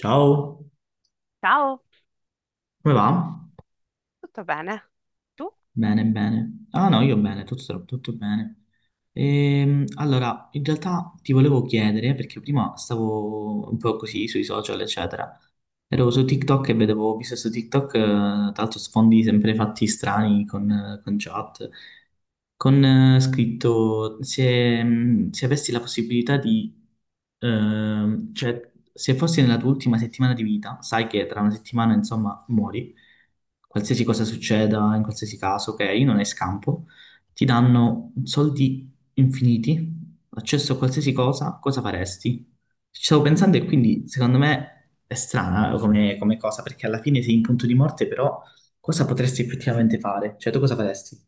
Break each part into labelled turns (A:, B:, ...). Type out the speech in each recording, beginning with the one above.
A: Ciao,
B: Ciao,
A: come va?
B: tutto bene? Tu?
A: Bene, bene. Ah no, io bene, tutto bene. Allora, in realtà ti volevo chiedere, perché prima stavo un po' così sui social, eccetera. Ero su TikTok e ho visto su TikTok, tra l'altro sfondi sempre fatti strani con chat. Con scritto, se avessi la possibilità di, cioè, se fossi nella tua ultima settimana di vita, sai che tra una settimana, insomma, muori, qualsiasi cosa succeda, in qualsiasi caso, ok, non hai scampo, ti danno soldi infiniti, accesso a qualsiasi cosa, cosa faresti? Ci stavo pensando e quindi, secondo me, è strana come cosa, perché alla fine sei in punto di morte, però cosa potresti effettivamente fare? Cioè, tu cosa faresti?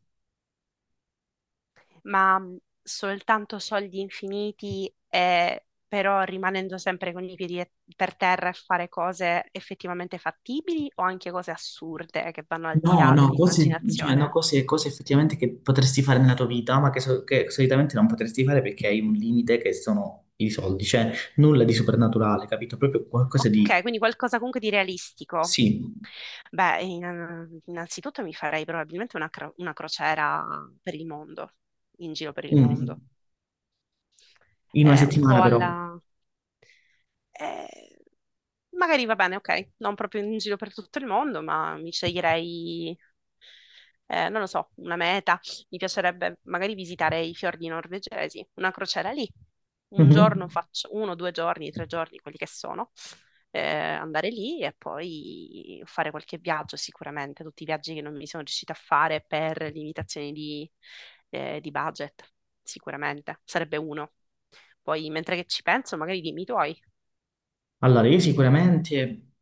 B: Ma soltanto soldi infiniti, e, però rimanendo sempre con i piedi per terra e fare cose effettivamente fattibili o anche cose assurde che vanno al di
A: No,
B: là
A: no, cose, cioè, no,
B: dell'immaginazione?
A: cose effettivamente che potresti fare nella tua vita, ma che, che solitamente non potresti fare perché hai un limite che sono i soldi, cioè nulla di soprannaturale, capito? Proprio qualcosa di,
B: Ok, quindi qualcosa comunque di realistico.
A: sì,
B: Beh, innanzitutto mi farei probabilmente una crociera per il mondo, in giro per il
A: mm,
B: mondo.
A: in una
B: Un po'
A: settimana però.
B: alla. Eh, Magari va bene, ok, non proprio in giro per tutto il mondo, ma mi sceglierei, non lo so, una meta. Mi piacerebbe magari visitare i fiordi norvegesi, una crociera lì. Un giorno
A: Mhm.
B: faccio, uno, due giorni, tre giorni, quelli che sono, andare lì e poi fare qualche viaggio sicuramente, tutti i viaggi che non mi sono riuscita a fare per limitazioni di budget, sicuramente. Sarebbe uno. Poi, mentre che ci penso, magari dimmi i tuoi.
A: Allora, io sicuramente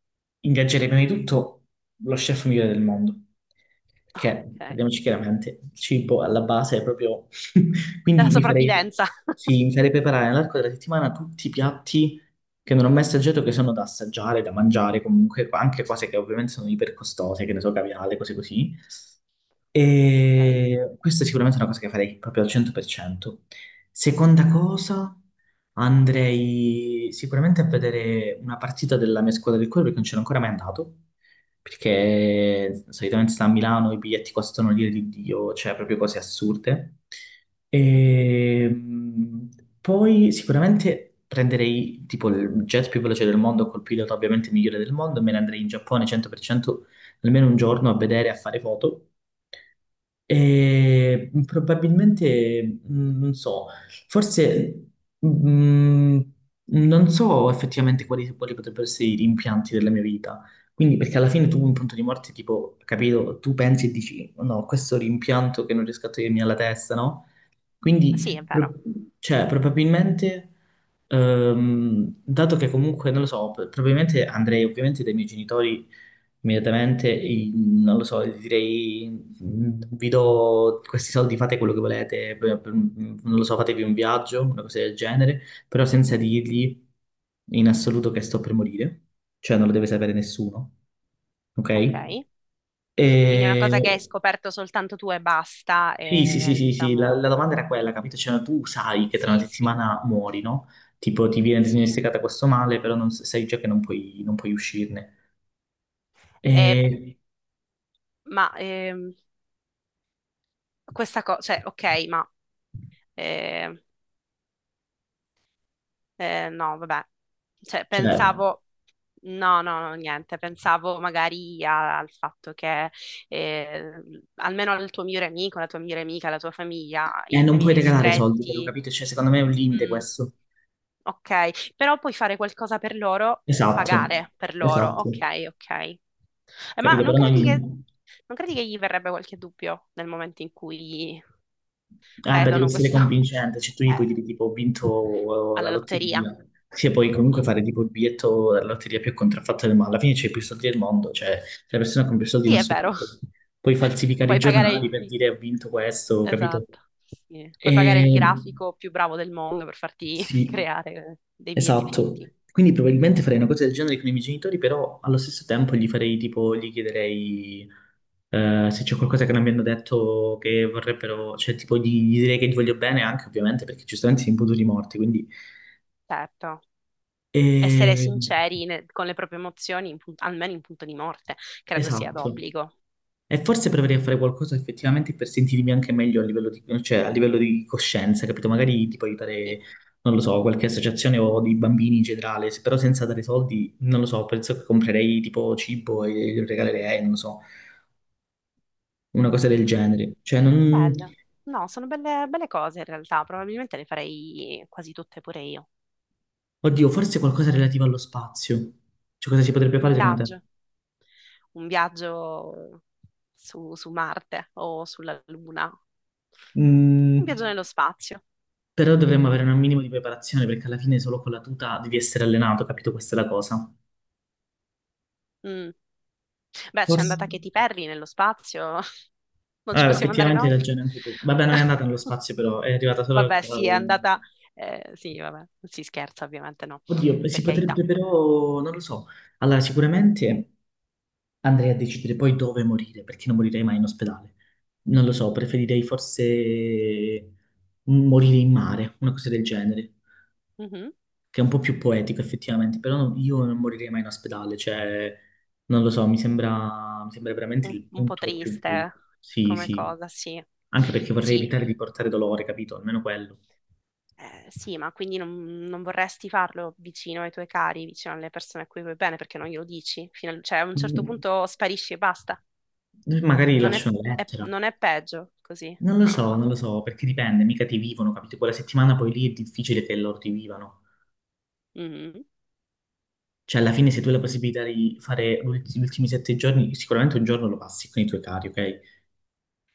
A: ingaggerei prima di tutto lo chef migliore del mondo, perché,
B: Ok.
A: parliamoci chiaramente, il cibo alla base è proprio... Quindi
B: Della sopravvivenza.
A: sì, mi farei preparare nell'arco della settimana tutti i piatti che non ho mai assaggiato, che sono da assaggiare, da mangiare, comunque anche cose che ovviamente sono ipercostose, che ne so, caviale, cose così.
B: Ok.
A: E questa è sicuramente una cosa che farei proprio al 100%. Seconda cosa, andrei sicuramente a vedere una partita della mia squadra del cuore perché non c'ero ancora mai andato. Perché solitamente sta a Milano, i biglietti costano l'ira di Dio, cioè proprio cose assurde.
B: Mhm.
A: E poi sicuramente prenderei tipo il jet più veloce del mondo, col pilota ovviamente migliore del mondo, e me ne andrei in Giappone 100% almeno un giorno a vedere, a fare foto. E probabilmente, non so, forse mh, non so effettivamente quali, quali potrebbero essere i rimpianti della mia vita. Quindi, perché alla fine tu un punto di morte, tipo, capito, tu pensi e dici, no, questo rimpianto che non riesco a togliermi alla testa, no?
B: Sì, è
A: Quindi,
B: vero.
A: cioè, probabilmente, dato che comunque, non lo so, probabilmente andrei ovviamente dai miei genitori immediatamente, non lo so, gli direi, vi do questi soldi, fate quello che volete, non lo so, fatevi un viaggio, una cosa del genere, però senza dirgli in assoluto che sto per morire, cioè non lo deve sapere nessuno, ok?
B: Ok. Quindi è una
A: E...
B: cosa che hai scoperto soltanto tu e basta,
A: Sì, sì, sì,
B: e,
A: sì, sì, la,
B: diciamo,
A: la domanda era quella, capito? Cioè, tu sai che tra una
B: sì, sì,
A: settimana muori, no? Tipo, ti viene
B: sì.
A: diagnosticata questo male, però non, sai già che non puoi, uscirne.
B: E-
A: E,
B: ma ehm, Questa cosa, cioè, ok, ma eh, no, vabbè, cioè,
A: cioè,
B: pensavo, no, no, no, niente, pensavo magari al fatto che eh, almeno il tuo migliore amico, la tua migliore amica, la tua famiglia, i
A: Non puoi
B: familiari
A: regalare i soldi, però,
B: stretti,
A: capito? Cioè, secondo me è un limite
B: mm,
A: questo.
B: ok, però puoi fare qualcosa per loro,
A: Esatto,
B: pagare per loro.
A: esatto,
B: Ok, ok. Ma
A: capito?
B: non
A: Però
B: credi che,
A: non...
B: non credi che gli verrebbe qualche dubbio nel momento in cui
A: Beh, devi
B: vedono
A: essere
B: questo
A: convincente, cioè tu gli puoi
B: eh,
A: dire tipo ho vinto la
B: alla lotteria?
A: lotteria, se puoi comunque
B: Mm.
A: fare tipo il biglietto della lotteria più contraffatta del mondo, alla fine c'è più soldi del mondo, cioè se la persona con più soldi in
B: Sì, è
A: assoluto
B: vero.
A: puoi falsificare i
B: Puoi pagare
A: giornali per
B: il-
A: dire ho vinto questo, capito?
B: Esatto. Sì. Puoi pagare il
A: E...
B: grafico più bravo del mondo per farti
A: Sì,
B: creare dei biglietti
A: esatto.
B: finti.
A: Quindi probabilmente farei una cosa del genere con i miei genitori, però allo stesso tempo gli farei tipo, gli chiederei se c'è qualcosa che non mi hanno detto che vorrebbero, cioè tipo gli direi che gli voglio bene anche ovviamente perché giustamente sono imputati morti, quindi...
B: Certo. Essere
A: E-
B: sinceri con le proprie emozioni, almeno in punto di morte, credo sia
A: Esatto.
B: d'obbligo.
A: E forse proverei a fare qualcosa effettivamente per sentirmi anche meglio a livello di, cioè, a livello di coscienza, capito? Magari tipo
B: Sì.
A: aiutare, non lo so, qualche associazione o dei bambini in generale, però senza dare soldi, non lo so, penso che comprerei tipo cibo e lo regalerei, non lo so, una cosa del genere. Cioè, non...
B: Bello. No, sono belle, belle cose in realtà, probabilmente le farei quasi tutte pure io.
A: Oddio, forse qualcosa relativo allo spazio. Cioè, cosa si potrebbe
B: Un
A: fare secondo te?
B: viaggio, un viaggio su Marte o sulla Luna, un
A: Mm,
B: viaggio nello spazio.
A: però dovremmo avere un minimo di preparazione perché alla fine solo con la tuta devi essere allenato, capito? Questa è la cosa.
B: Mm. Beh, c'è
A: Forse.
B: andata Katy Perry nello spazio, non ci
A: Ah,
B: possiamo andare
A: effettivamente hai
B: noi?
A: ragione anche tu. Vabbè, non è andata nello spazio, però è arrivata solo.
B: Vabbè, sì, è andata, sì, vabbè, non si scherza ovviamente, no,
A: Oddio,
B: per
A: si
B: carità.
A: potrebbe però, non lo so. Allora, sicuramente andrei a decidere poi dove morire, perché non morirei mai in ospedale. Non lo so, preferirei forse morire in mare, una cosa del genere,
B: Mhm.
A: che è un po' più poetico effettivamente, però io non morirei mai in ospedale, cioè, non lo so, mi sembra veramente
B: Un,
A: il
B: un po'
A: punto
B: triste
A: Sì,
B: come
A: sì,
B: cosa, sì.
A: anche perché vorrei
B: Sì,
A: evitare di portare dolore, capito? Almeno quello.
B: eh, sì, ma quindi non vorresti farlo vicino ai tuoi cari, vicino alle persone a cui vuoi bene, perché non glielo dici? Cioè, a un certo
A: Magari
B: punto sparisci e basta. Non è,
A: lascio una
B: è-
A: lettera.
B: non è peggio così.
A: Non lo
B: No.
A: so, non lo so, perché dipende, mica ti vivono, capito? Quella settimana poi lì è difficile che loro ti vivano.
B: Mhm.
A: Cioè, alla fine, se tu hai la possibilità di fare gli ultimi 7 giorni, sicuramente un giorno lo passi con i tuoi cari, ok?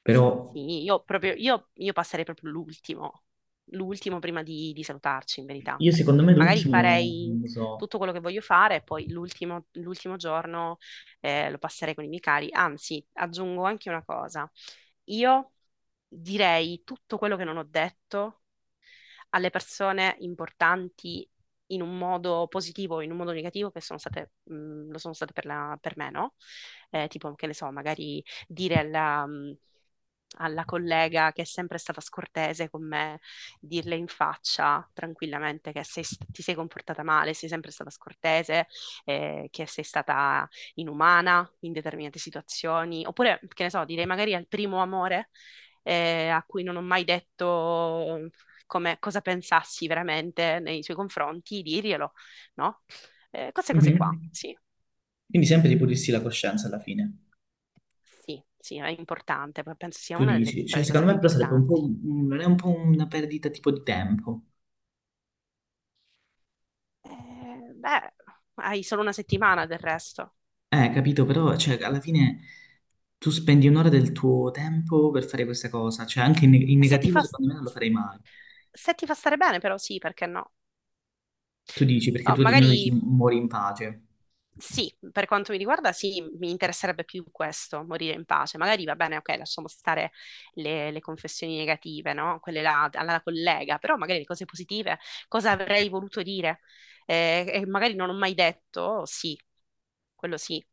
A: Però
B: Sì, io proprio, io passerei proprio l'ultimo prima di salutarci, in verità.
A: io, secondo me,
B: Magari
A: l'ultimo, non
B: farei
A: lo so.
B: tutto quello che voglio fare e poi l'ultimo giorno lo passerei con i miei cari. Anzi, aggiungo anche una cosa. Io direi tutto quello che non ho detto alle persone importanti in un modo positivo o in un modo negativo che sono state, lo sono state per, per me, no? Tipo, che ne so, magari dire alla collega che è sempre stata scortese con me, dirle in faccia tranquillamente che ti sei comportata male, sei sempre stata scortese, che sei stata inumana in determinate situazioni, oppure, che ne so, direi magari al primo amore a cui non ho mai detto cosa pensassi veramente nei suoi confronti, dirglielo, no? Queste cose qua,
A: Mhm.
B: sì,
A: Quindi sempre di pulirsi la coscienza alla fine.
B: sì, sì, è importante, penso sia
A: Tu dici,
B: tra
A: cioè,
B: le
A: secondo
B: cose
A: me
B: più
A: però sarebbe un po',
B: importanti.
A: non è un po' una perdita tipo di tempo.
B: Beh, hai solo una settimana del resto.
A: Capito, però cioè, alla fine tu spendi un'ora del tuo tempo per fare questa cosa, cioè anche in
B: Se ti
A: negativo
B: fa,
A: secondo me non lo farei mai.
B: se ti fa stare bene, però sì, perché no?
A: Tu dici, perché
B: Oh,
A: tu almeno dici
B: magari
A: muori in pace.
B: sì, per quanto mi riguarda, sì, mi interesserebbe più questo, morire in pace. Magari va bene, ok, lasciamo stare le confessioni negative, no? Quelle là, alla collega, però magari le cose positive, cosa avrei voluto dire? E magari non ho mai detto, oh, sì, quello sì.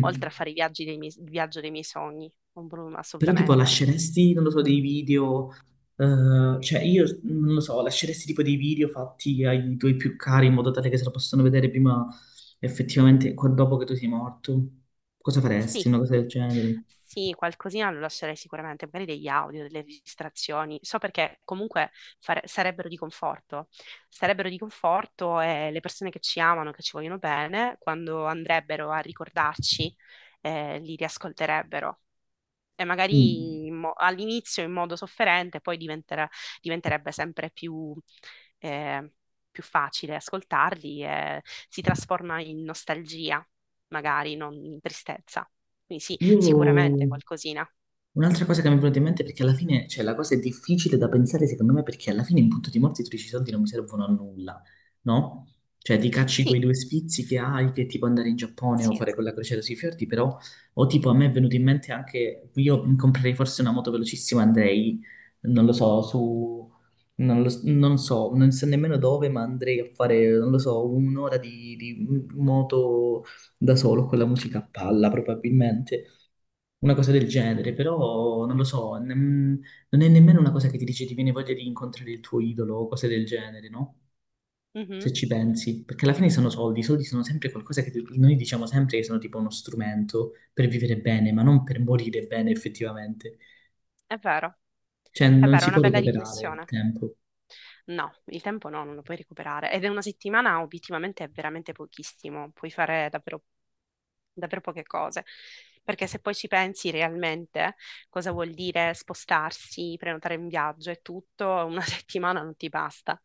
B: Oltre a fare i viaggi dei miei, il viaggio dei miei sogni,
A: Però tipo
B: assolutamente.
A: lasceresti, non lo so, dei video, cioè io non lo so, lasceresti tipo dei video fatti ai tuoi più cari in modo tale che se lo possano vedere prima effettivamente dopo che tu sei morto? Cosa
B: Sì.
A: faresti? Una cosa del genere?
B: Sì, qualcosina lo lascerei sicuramente, magari degli audio, delle registrazioni. So perché comunque sarebbero di conforto. Sarebbero di conforto e le persone che ci amano, che ci vogliono bene, quando andrebbero a ricordarci, li riascolterebbero e
A: Mm.
B: magari all'inizio in modo sofferente, poi diventerebbe sempre eh, più facile ascoltarli e si trasforma in nostalgia, magari non in tristezza. Quindi sì, sicuramente
A: Io...
B: qualcosina.
A: Un'altra cosa che mi è venuta in mente è perché alla fine, cioè la cosa è difficile da pensare secondo me perché alla fine in punto di morte tu dici i soldi non mi servono a nulla, no? Cioè ti cacci quei
B: Sì,
A: due sfizi che hai che tipo andare in Giappone o
B: sì,
A: fare quella crociera sui fiordi, però o tipo a me è venuto in mente anche io comprerei forse una moto velocissima, andrei, non lo so, su non lo s- non so nemmeno dove, ma andrei a fare, non lo so, un'ora di moto da solo con la musica a palla probabilmente una cosa del genere, però non lo
B: sì.
A: so, non è nemmeno una cosa che ti dice ti viene voglia di incontrare il tuo idolo o cose del genere, no? Se
B: Mhm,
A: ci pensi, perché alla fine sono soldi, i soldi sono sempre qualcosa che noi diciamo sempre che sono tipo uno strumento per vivere bene, ma non per morire bene effettivamente.
B: è vero,
A: Cioè
B: è
A: non
B: vero, è
A: si
B: una
A: può
B: bella
A: recuperare il
B: riflessione.
A: tempo.
B: No, il tempo no, non lo puoi recuperare. Ed è una settimana, obiettivamente, è veramente pochissimo. Puoi fare davvero, davvero poche cose. Perché se poi ci pensi realmente, cosa vuol dire spostarsi, prenotare un viaggio e tutto, una settimana non ti basta.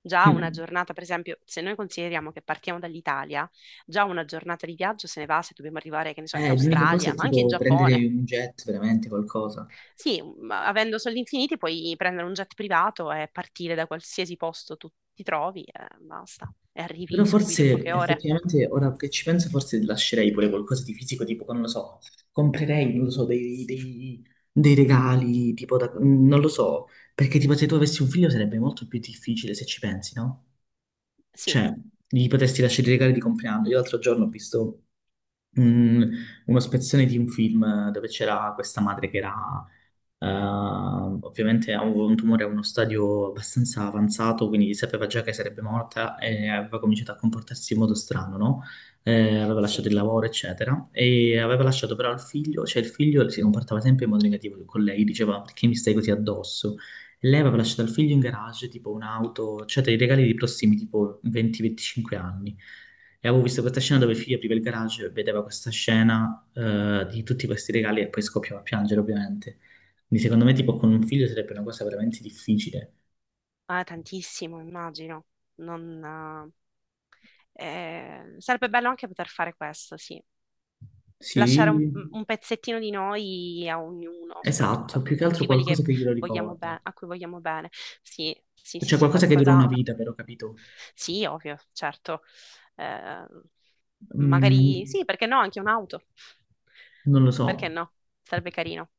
B: Già una
A: Mm.
B: giornata, per esempio, se noi consideriamo che partiamo dall'Italia, già una giornata di viaggio se ne va se dobbiamo arrivare, che ne so, in
A: L'unica cosa
B: Australia,
A: è
B: ma anche in
A: tipo prendere
B: Giappone.
A: un jet, veramente qualcosa.
B: Sì, ma avendo soldi infiniti puoi prendere un jet privato e partire da qualsiasi posto tu ti trovi e basta. E
A: Però
B: arrivi subito in
A: forse
B: poche ore.
A: effettivamente, ora che ci penso, forse lascerei pure qualcosa di fisico, tipo, che non lo so, comprerei, non lo so, dei regali, tipo, non lo so, perché tipo se tu avessi un figlio sarebbe molto più difficile se ci pensi, no?
B: Sì,
A: Cioè, gli potresti lasciare i regali di compleanno. Io l'altro giorno ho visto mm, uno spezzone di un film dove c'era questa madre che era ovviamente avevo un tumore a uno stadio abbastanza avanzato, quindi sapeva già che sarebbe morta e aveva cominciato a comportarsi in modo strano, no? Aveva lasciato
B: sì,
A: il lavoro, eccetera, e aveva lasciato però il figlio, cioè il figlio si comportava sempre in modo negativo con lei, diceva perché mi stai così addosso? E lei aveva lasciato il figlio in garage, tipo un'auto, cioè dei regali di prossimi tipo 20-25 anni. E avevo visto questa scena dove il figlio apriva il garage, vedeva questa scena di tutti questi regali e poi scoppiava a piangere, ovviamente. Quindi secondo me tipo con un figlio sarebbe una cosa veramente difficile.
B: ah, tantissimo, immagino. Non, Sarebbe bello anche poter fare questo, sì. Lasciare un,
A: Sì,
B: mhmm, un pezzettino di noi a ognuno, soprattutto
A: esatto,
B: a
A: più che
B: tutti
A: altro
B: quelli
A: qualcosa
B: che
A: che glielo ricorda.
B: a cui vogliamo bene. Sì, sì, sì,
A: Cioè
B: sì,
A: qualcosa che dura una
B: qualcosa.
A: vita, però, capito?
B: Sì, ovvio, certo. Eh, Magari
A: Mm,
B: sì, perché no, anche un'auto.
A: non lo
B: Perché
A: so.
B: no? Sarebbe carino.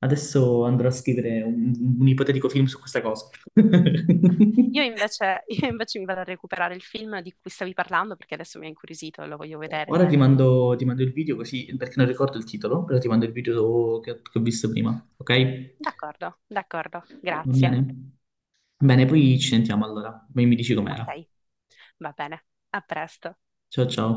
A: Adesso andrò a scrivere un ipotetico film su questa cosa.
B: Io invece, io invece mi vado a recuperare il film di cui stavi parlando perché adesso mi ha incuriosito e lo voglio vedere.
A: Ora ti mando il video così, perché non ricordo il titolo, però ti mando il video che ho visto prima, ok?
B: D'accordo, d'accordo,
A: Va
B: grazie.
A: bene? Bene, poi ci sentiamo allora. Poi mi dici
B: Ok,
A: com'era.
B: va bene, a presto.
A: Ciao ciao.